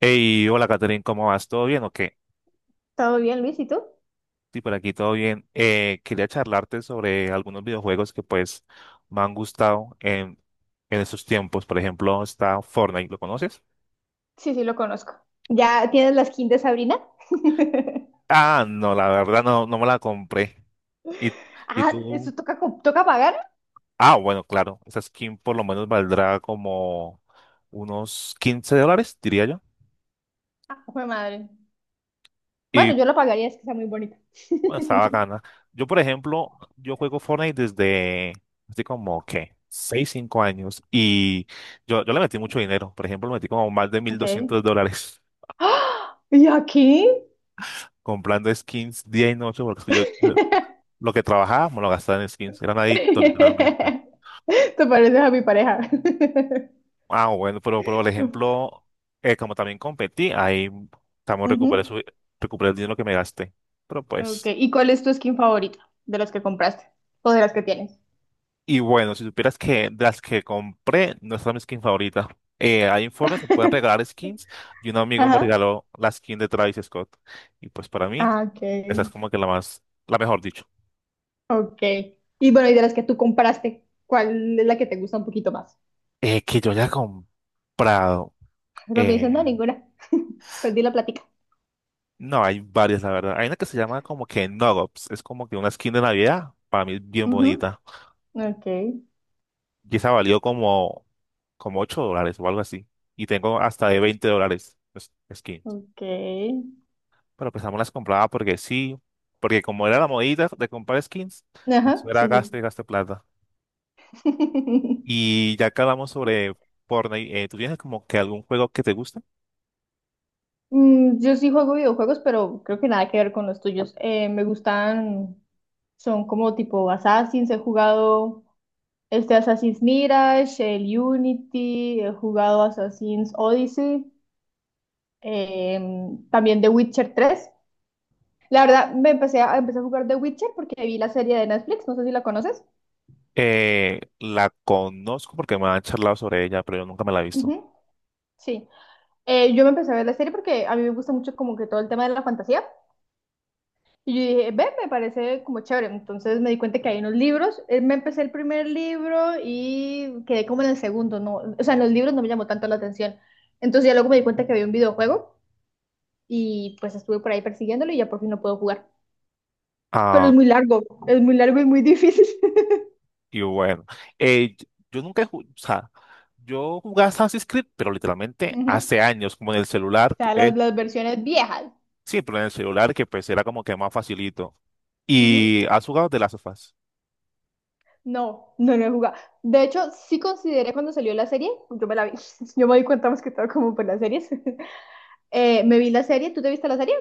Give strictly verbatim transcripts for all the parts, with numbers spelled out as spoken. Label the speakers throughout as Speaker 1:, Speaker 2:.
Speaker 1: Hey, hola Catherine, ¿cómo vas? ¿Todo bien o qué?
Speaker 2: ¿Todo bien, Luis? ¿Y tú?
Speaker 1: Sí, por aquí todo bien. Eh, quería charlarte sobre algunos videojuegos que pues me han gustado en, en estos tiempos. Por ejemplo, está Fortnite, ¿lo conoces?
Speaker 2: Sí, sí, lo conozco. ¿Ya tienes la skin de Sabrina?
Speaker 1: Ah, no, la verdad no, no me la compré. ¿Y, y
Speaker 2: Ah, ¿eso
Speaker 1: tú?
Speaker 2: toca, co- toca pagar?
Speaker 1: Ah, bueno, claro, esa skin por lo menos valdrá como unos quince dólares, diría yo.
Speaker 2: Ah, fue madre. Bueno,
Speaker 1: Y
Speaker 2: yo lo pagaría, es que está muy bonita.
Speaker 1: bueno, está bacana. Yo, por ejemplo, yo juego Fortnite desde así como, ¿qué? Seis cinco años. Y yo, yo le metí mucho dinero. Por ejemplo, le metí como más de mil
Speaker 2: Ok.
Speaker 1: doscientos dólares
Speaker 2: ¡Ah! ¿Y aquí?
Speaker 1: comprando skins día y noche porque yo lo que trabajaba me lo gastaba en skins. Era un adicto, literalmente.
Speaker 2: Te pareces a mi pareja.
Speaker 1: Ah, bueno, pero, pero por ejemplo, eh, como también competí, ahí también recuperé,
Speaker 2: Ujú.
Speaker 1: su- recuperé el dinero que me gasté. Pero
Speaker 2: Ok.
Speaker 1: pues...
Speaker 2: ¿Y cuál es tu skin favorita de las que compraste o de las que tienes?
Speaker 1: Y bueno, si supieras que de las que compré no es mi skin favorita. Eh, hay informes, se pueden regalar skins y un amigo me
Speaker 2: Ajá.
Speaker 1: regaló la skin de Travis Scott. Y pues para mí,
Speaker 2: Ah, ok.
Speaker 1: esa es como que la más, la mejor dicho.
Speaker 2: Ok. Y bueno, y de las que tú compraste, ¿cuál es la que te gusta un poquito más?
Speaker 1: Eh, que yo haya comprado.
Speaker 2: Pero me dicen, no,
Speaker 1: eh,
Speaker 2: ninguna. Perdí la plática.
Speaker 1: no, hay varias, la verdad. Hay una que se llama como que Nogops. Es como que una skin de Navidad. Para mí es bien
Speaker 2: Ujú.
Speaker 1: bonita.
Speaker 2: Ok,
Speaker 1: Y esa valió como, como ocho dólares o algo así. Y tengo hasta de veinte dólares pues, skins.
Speaker 2: ok.
Speaker 1: Pero pues también las compraba porque sí, porque como era la modita de comprar skins,
Speaker 2: Ajá,
Speaker 1: eso era
Speaker 2: sí,
Speaker 1: gasto y gasto plata.
Speaker 2: sí.
Speaker 1: Y ya que hablamos sobre Fortnite, eh, ¿tú tienes como que algún juego que te guste?
Speaker 2: Mm, Yo sí juego videojuegos, pero creo que nada que ver con los tuyos. Eh, me gustan, son como tipo Assassin's, he jugado este Assassin's Mirage, el Unity, he jugado Assassin's Odyssey, em, también The Witcher tres. La verdad, me empecé a, empecé a jugar The Witcher porque vi la serie de Netflix, no sé si la conoces.
Speaker 1: Eh, la conozco porque me han charlado sobre ella, pero yo nunca me la he visto.
Speaker 2: Ujú, sí. Eh, yo me empecé a ver la serie porque a mí me gusta mucho como que todo el tema de la fantasía. Y yo dije, ve, me parece como chévere. Entonces me di cuenta que hay unos libros. Eh, me empecé el primer libro y quedé como en el segundo, ¿no? O sea, en los libros no me llamó tanto la atención. Entonces ya luego me di cuenta que había un videojuego y pues estuve por ahí persiguiéndolo y ya por fin lo puedo jugar. Pero es
Speaker 1: Ah,
Speaker 2: muy largo, es muy largo y muy difícil.
Speaker 1: y bueno, eh, yo yo nunca he jugado, o sea, yo jugaba Assassin's Creed, pero literalmente
Speaker 2: Ujú. O
Speaker 1: hace años, como en el celular,
Speaker 2: sea, las,
Speaker 1: eh,
Speaker 2: las versiones viejas.
Speaker 1: sí, pero en el celular que pues era como que más facilito.
Speaker 2: Ujú.
Speaker 1: ¿Y has jugado de las sofás?
Speaker 2: No, no lo he jugado. De hecho, sí consideré cuando salió la serie, yo me la vi, yo me di cuenta más que todo como por las series. Eh, me vi la serie, ¿tú te viste la serie?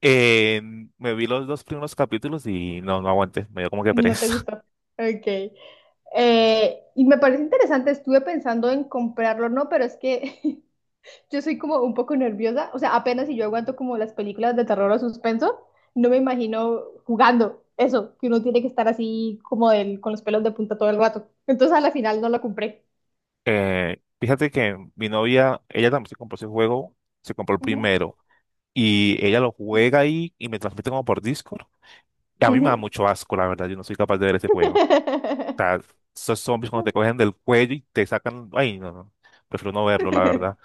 Speaker 1: Eh, me vi los dos primeros capítulos y no, no aguanté, me dio como que
Speaker 2: No te
Speaker 1: pereza.
Speaker 2: gustó. Ok. Eh, y me parece interesante, estuve pensando en comprarlo, ¿no? Pero es que yo soy como un poco nerviosa, o sea, apenas si yo aguanto como las películas de terror o suspenso, no me imagino jugando eso, que uno tiene que estar así como del, con los pelos de punta todo el rato. Entonces a la final no lo compré.
Speaker 1: Eh, fíjate que mi novia, ella también se compró ese juego, se compró el
Speaker 2: Ujú,
Speaker 1: primero y ella lo juega ahí y me transmite como por Discord. Y a mí me da
Speaker 2: ujú.
Speaker 1: mucho asco, la verdad, yo no soy capaz de ver ese juego. O sea, esos zombies cuando te cogen del cuello y te sacan, ay, no, no, prefiero no verlo, la verdad.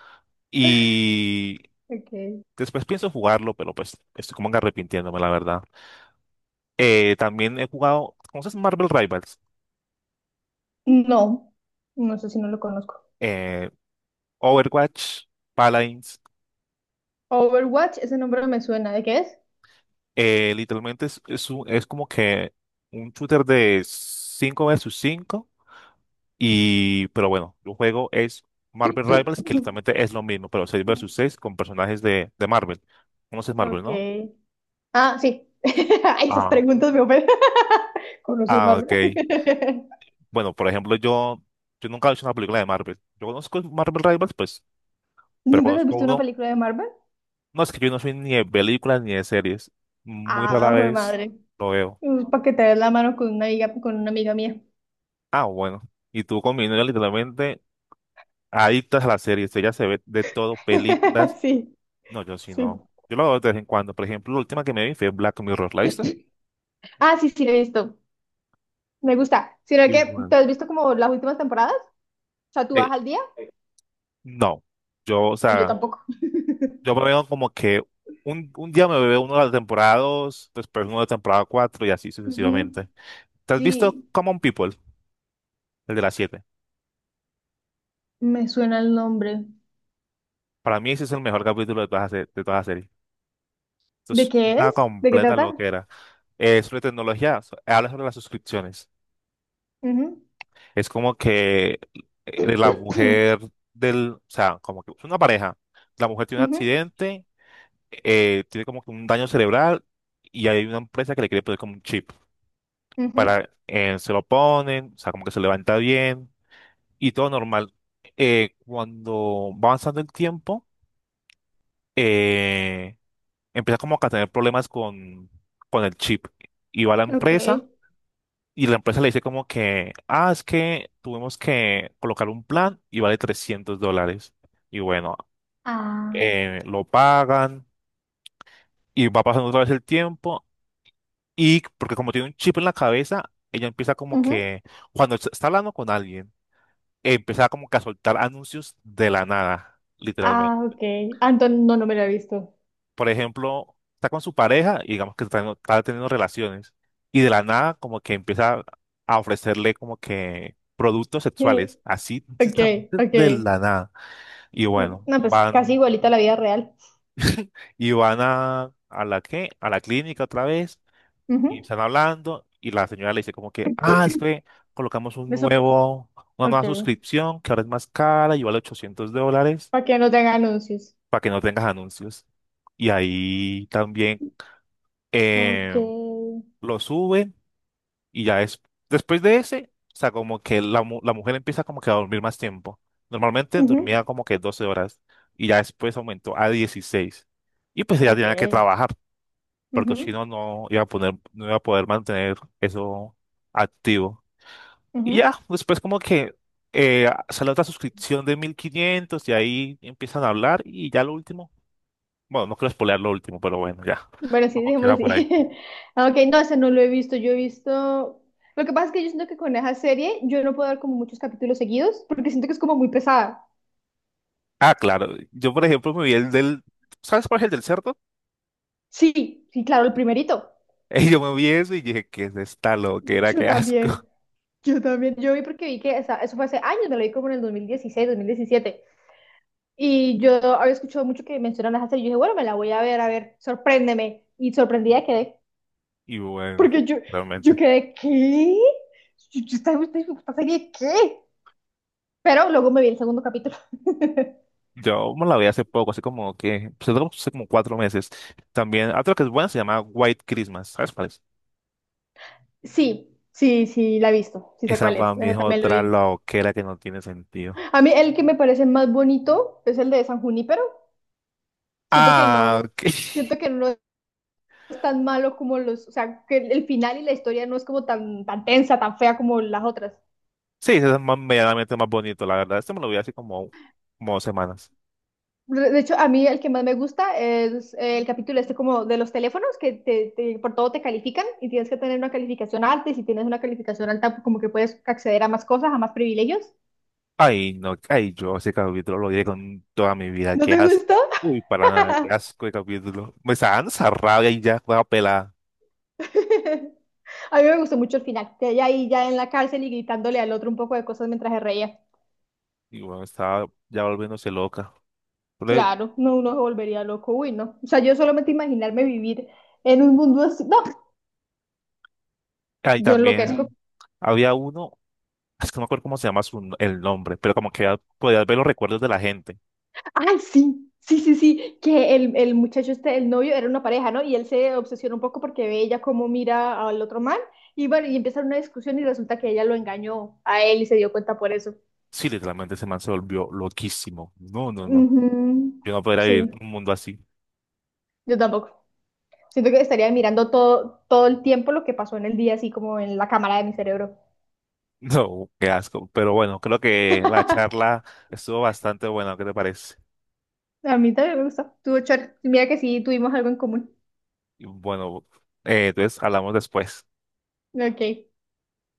Speaker 1: Y
Speaker 2: Okay.
Speaker 1: después pienso jugarlo, pero pues estoy como que arrepintiéndome, la verdad. Eh, también he jugado, ¿conoces Marvel Rivals?
Speaker 2: No, no sé si no lo conozco.
Speaker 1: Eh, Overwatch, Paladins,
Speaker 2: Overwatch, ese nombre me suena. ¿De qué es?
Speaker 1: eh, literalmente es, es, un- es como que un shooter de cinco versus cinco y pero bueno, el juego es Marvel Rivals que literalmente es lo mismo, pero seis versus seis con personajes de, de Marvel. Conoces Marvel, ¿no?
Speaker 2: Okay. Ah, sí. Ay, esas
Speaker 1: Ah, no.
Speaker 2: preguntas me ofenden. ¿Conoces
Speaker 1: Ah,
Speaker 2: Marvel?
Speaker 1: ok. Bueno, por ejemplo, yo, yo nunca he visto una película de Marvel. Yo conozco Marvel Rivals, pues, pero
Speaker 2: ¿Nunca has
Speaker 1: conozco
Speaker 2: visto una
Speaker 1: uno.
Speaker 2: película de Marvel?
Speaker 1: No, es que yo no soy ni de películas ni de series. Muy rara
Speaker 2: Ah, joder,
Speaker 1: vez
Speaker 2: madre.
Speaker 1: lo veo.
Speaker 2: Para que te des la mano con una amiga, con una amiga mía.
Speaker 1: Ah, bueno. Y tú con mi novia, literalmente. Adictas a las series, ella se ve de todo, películas.
Speaker 2: Sí,
Speaker 1: No, yo sí
Speaker 2: sí.
Speaker 1: no. Yo lo veo de vez en cuando. Por ejemplo, la última que me vi fue Black Mirror, ¿la viste?
Speaker 2: Ah, sí, sí, lo he visto. Me gusta. Sino que,
Speaker 1: Igual.
Speaker 2: ¿te has visto como las últimas temporadas? O sea, ¿tú vas
Speaker 1: Eh,
Speaker 2: al día?
Speaker 1: no. Yo, o
Speaker 2: Yo
Speaker 1: sea,
Speaker 2: tampoco.
Speaker 1: yo me veo como que un, un día me veo uno de las temporadas, dos, después uno de la temporada cuatro y así
Speaker 2: Ujú.
Speaker 1: sucesivamente. ¿Te has visto
Speaker 2: Sí,
Speaker 1: Common People, el de las siete?
Speaker 2: me suena el nombre.
Speaker 1: Para mí ese es el mejor capítulo de toda la, se- de toda la serie. Esto
Speaker 2: ¿De
Speaker 1: es
Speaker 2: qué
Speaker 1: una
Speaker 2: es? ¿De qué
Speaker 1: completa
Speaker 2: trata?
Speaker 1: loquera. Eh, sobre tecnología, so- habla sobre las suscripciones.
Speaker 2: Ujú.
Speaker 1: Es como que eh, la mujer del, o sea, como que es una pareja. La mujer tiene un
Speaker 2: Ujú,
Speaker 1: accidente, eh, tiene como que un daño cerebral y hay una empresa que le quiere poner como un chip
Speaker 2: ujú.
Speaker 1: para, eh, se lo ponen, o sea, como que se levanta bien y todo normal. Eh, cuando va avanzando el tiempo, eh, empieza como que a tener problemas con, con el chip y va a la
Speaker 2: Ok.
Speaker 1: empresa. Y la empresa le dice como que, "Ah, es que tuvimos que colocar un plan y vale trescientos dólares." Y bueno,
Speaker 2: Ah,
Speaker 1: eh, lo pagan y va pasando otra vez el tiempo. Y porque como tiene un chip en la cabeza, ella empieza como
Speaker 2: ujú.
Speaker 1: que, cuando est- está hablando con alguien, empieza como que a soltar anuncios de la nada,
Speaker 2: Ah, ok. Anton, no, no me la he visto.
Speaker 1: por ejemplo, está con su pareja y digamos que está, teniendo está teniendo relaciones y de la nada como que empieza a ofrecerle como que productos sexuales,
Speaker 2: Sí.
Speaker 1: así
Speaker 2: Ok,
Speaker 1: justamente de
Speaker 2: ok.
Speaker 1: la nada. Y bueno,
Speaker 2: No, pues casi
Speaker 1: van
Speaker 2: igualita a la vida real.
Speaker 1: y van a, a la qué a la clínica otra vez y
Speaker 2: Ujú.
Speaker 1: están hablando y la señora le dice como que, "Ah, es que colocamos un
Speaker 2: Eso,
Speaker 1: nuevo una nueva
Speaker 2: ok.
Speaker 1: suscripción que ahora es más cara y vale ochocientos dólares
Speaker 2: Para que no tenga anuncios.
Speaker 1: para que no tengas anuncios." Y ahí también
Speaker 2: Ok.
Speaker 1: eh, lo suben. Y ya es, después de ese, o sea, como que la, mu- la mujer empieza como que a dormir más tiempo. Normalmente
Speaker 2: Ujú.
Speaker 1: dormía como que doce horas y ya después aumentó a dieciséis. Y pues ella
Speaker 2: Ok.
Speaker 1: tenía que trabajar porque si
Speaker 2: Ujú,
Speaker 1: no, no iba a poner, no iba a poder mantener eso activo. Y ya,
Speaker 2: ujú.
Speaker 1: después como que eh, sale otra suscripción de mil quinientos y ahí empiezan a hablar y ya lo último, bueno, no quiero spoilear lo último, pero bueno, ya,
Speaker 2: Bueno, sí,
Speaker 1: como
Speaker 2: dejémoslo
Speaker 1: queda por ahí.
Speaker 2: así. Ah, ok, no, ese no lo he visto. Yo he visto. Lo que pasa es que yo siento que con esa serie yo no puedo ver como muchos capítulos seguidos porque siento que es como muy pesada.
Speaker 1: Ah, claro, yo por ejemplo me vi el del, ¿sabes cuál es el del cerdo?
Speaker 2: Sí, sí, claro, el primerito.
Speaker 1: Y yo me vi eso y dije, ¿qué es esta loquera?
Speaker 2: Yo
Speaker 1: ¡Qué asco!
Speaker 2: también, yo también. Yo vi porque vi que esa- eso fue hace años, me lo vi como en el dos dos mil dieciséis dos mil diecisiete. Y yo había escuchado mucho que mencionan esa serie. Yo dije, bueno, me la voy a ver, a ver, sorpréndeme. Y sorprendida quedé.
Speaker 1: Y bueno,
Speaker 2: Porque yo, yo,
Speaker 1: realmente.
Speaker 2: quedé, ¿qué? Yo, yo estaba- esta, esta serie, ¿qué? Pero luego me vi el segundo capítulo.
Speaker 1: Yo me la vi hace poco, hace como que, pues, hace como cuatro meses. También, otra que es buena se llama White Christmas. ¿Sabes cuál es?
Speaker 2: Sí, sí, sí, la he visto, sí sé
Speaker 1: Esa
Speaker 2: cuál es,
Speaker 1: para mí
Speaker 2: ese
Speaker 1: es
Speaker 2: también lo
Speaker 1: otra
Speaker 2: vi.
Speaker 1: loquera que no tiene sentido.
Speaker 2: A mí el que me parece más bonito es el de San Junípero. Siento que
Speaker 1: Ah,
Speaker 2: no,
Speaker 1: ok.
Speaker 2: siento que no es tan malo como los, o sea, que el el final y la historia no es como tan, tan tensa, tan fea como las otras.
Speaker 1: Sí, ese es más, medianamente más bonito, la verdad. Este me lo vi hace como, como, dos semanas.
Speaker 2: De hecho, a mí el que más me gusta es eh, el capítulo este como de los teléfonos, que te, te- por todo te califican y tienes que tener una calificación alta y si tienes una calificación alta, pues como que puedes acceder a más cosas, a más privilegios.
Speaker 1: Ay, no, ay, yo ese capítulo lo vi con toda mi vida.
Speaker 2: ¿No
Speaker 1: Qué
Speaker 2: te
Speaker 1: asco.
Speaker 2: gustó?
Speaker 1: Uy, para nada, qué asco de capítulo. Me está dando esa rabia y ya, juega pelada.
Speaker 2: A mí me gustó mucho el final, que ella ahí ya en la cárcel y gritándole al otro un poco de cosas mientras se reía.
Speaker 1: Y bueno, estaba ya volviéndose loca. Pero,
Speaker 2: Claro, no, uno se volvería loco, uy, no. O sea, yo solamente imaginarme vivir en un mundo así, no,
Speaker 1: ahí
Speaker 2: yo
Speaker 1: también
Speaker 2: enloquezco.
Speaker 1: había uno, es que no me acuerdo cómo se llama su, el nombre, pero como que ya podías ver los recuerdos de la gente.
Speaker 2: Ay, sí, sí, sí, sí, que el, el muchacho este, el novio, era una pareja, ¿no? Y él se obsesiona un poco porque ve ella cómo mira al otro man y, bueno, y empiezan una discusión y resulta que ella lo engañó a él y se dio cuenta por eso.
Speaker 1: Sí, literalmente ese man se volvió loquísimo. No, no, no.
Speaker 2: Ujú,
Speaker 1: Yo no podría vivir
Speaker 2: sí,
Speaker 1: un mundo así.
Speaker 2: yo tampoco. Siento que estaría mirando todo, todo el tiempo lo que pasó en el día, así como en la cámara de mi cerebro.
Speaker 1: No, qué asco. Pero bueno, creo que la charla estuvo bastante buena, ¿qué te parece?
Speaker 2: A mí también me gusta. Tú, Char, mira que sí, tuvimos algo en común.
Speaker 1: Y bueno, eh, entonces hablamos después.
Speaker 2: Ok.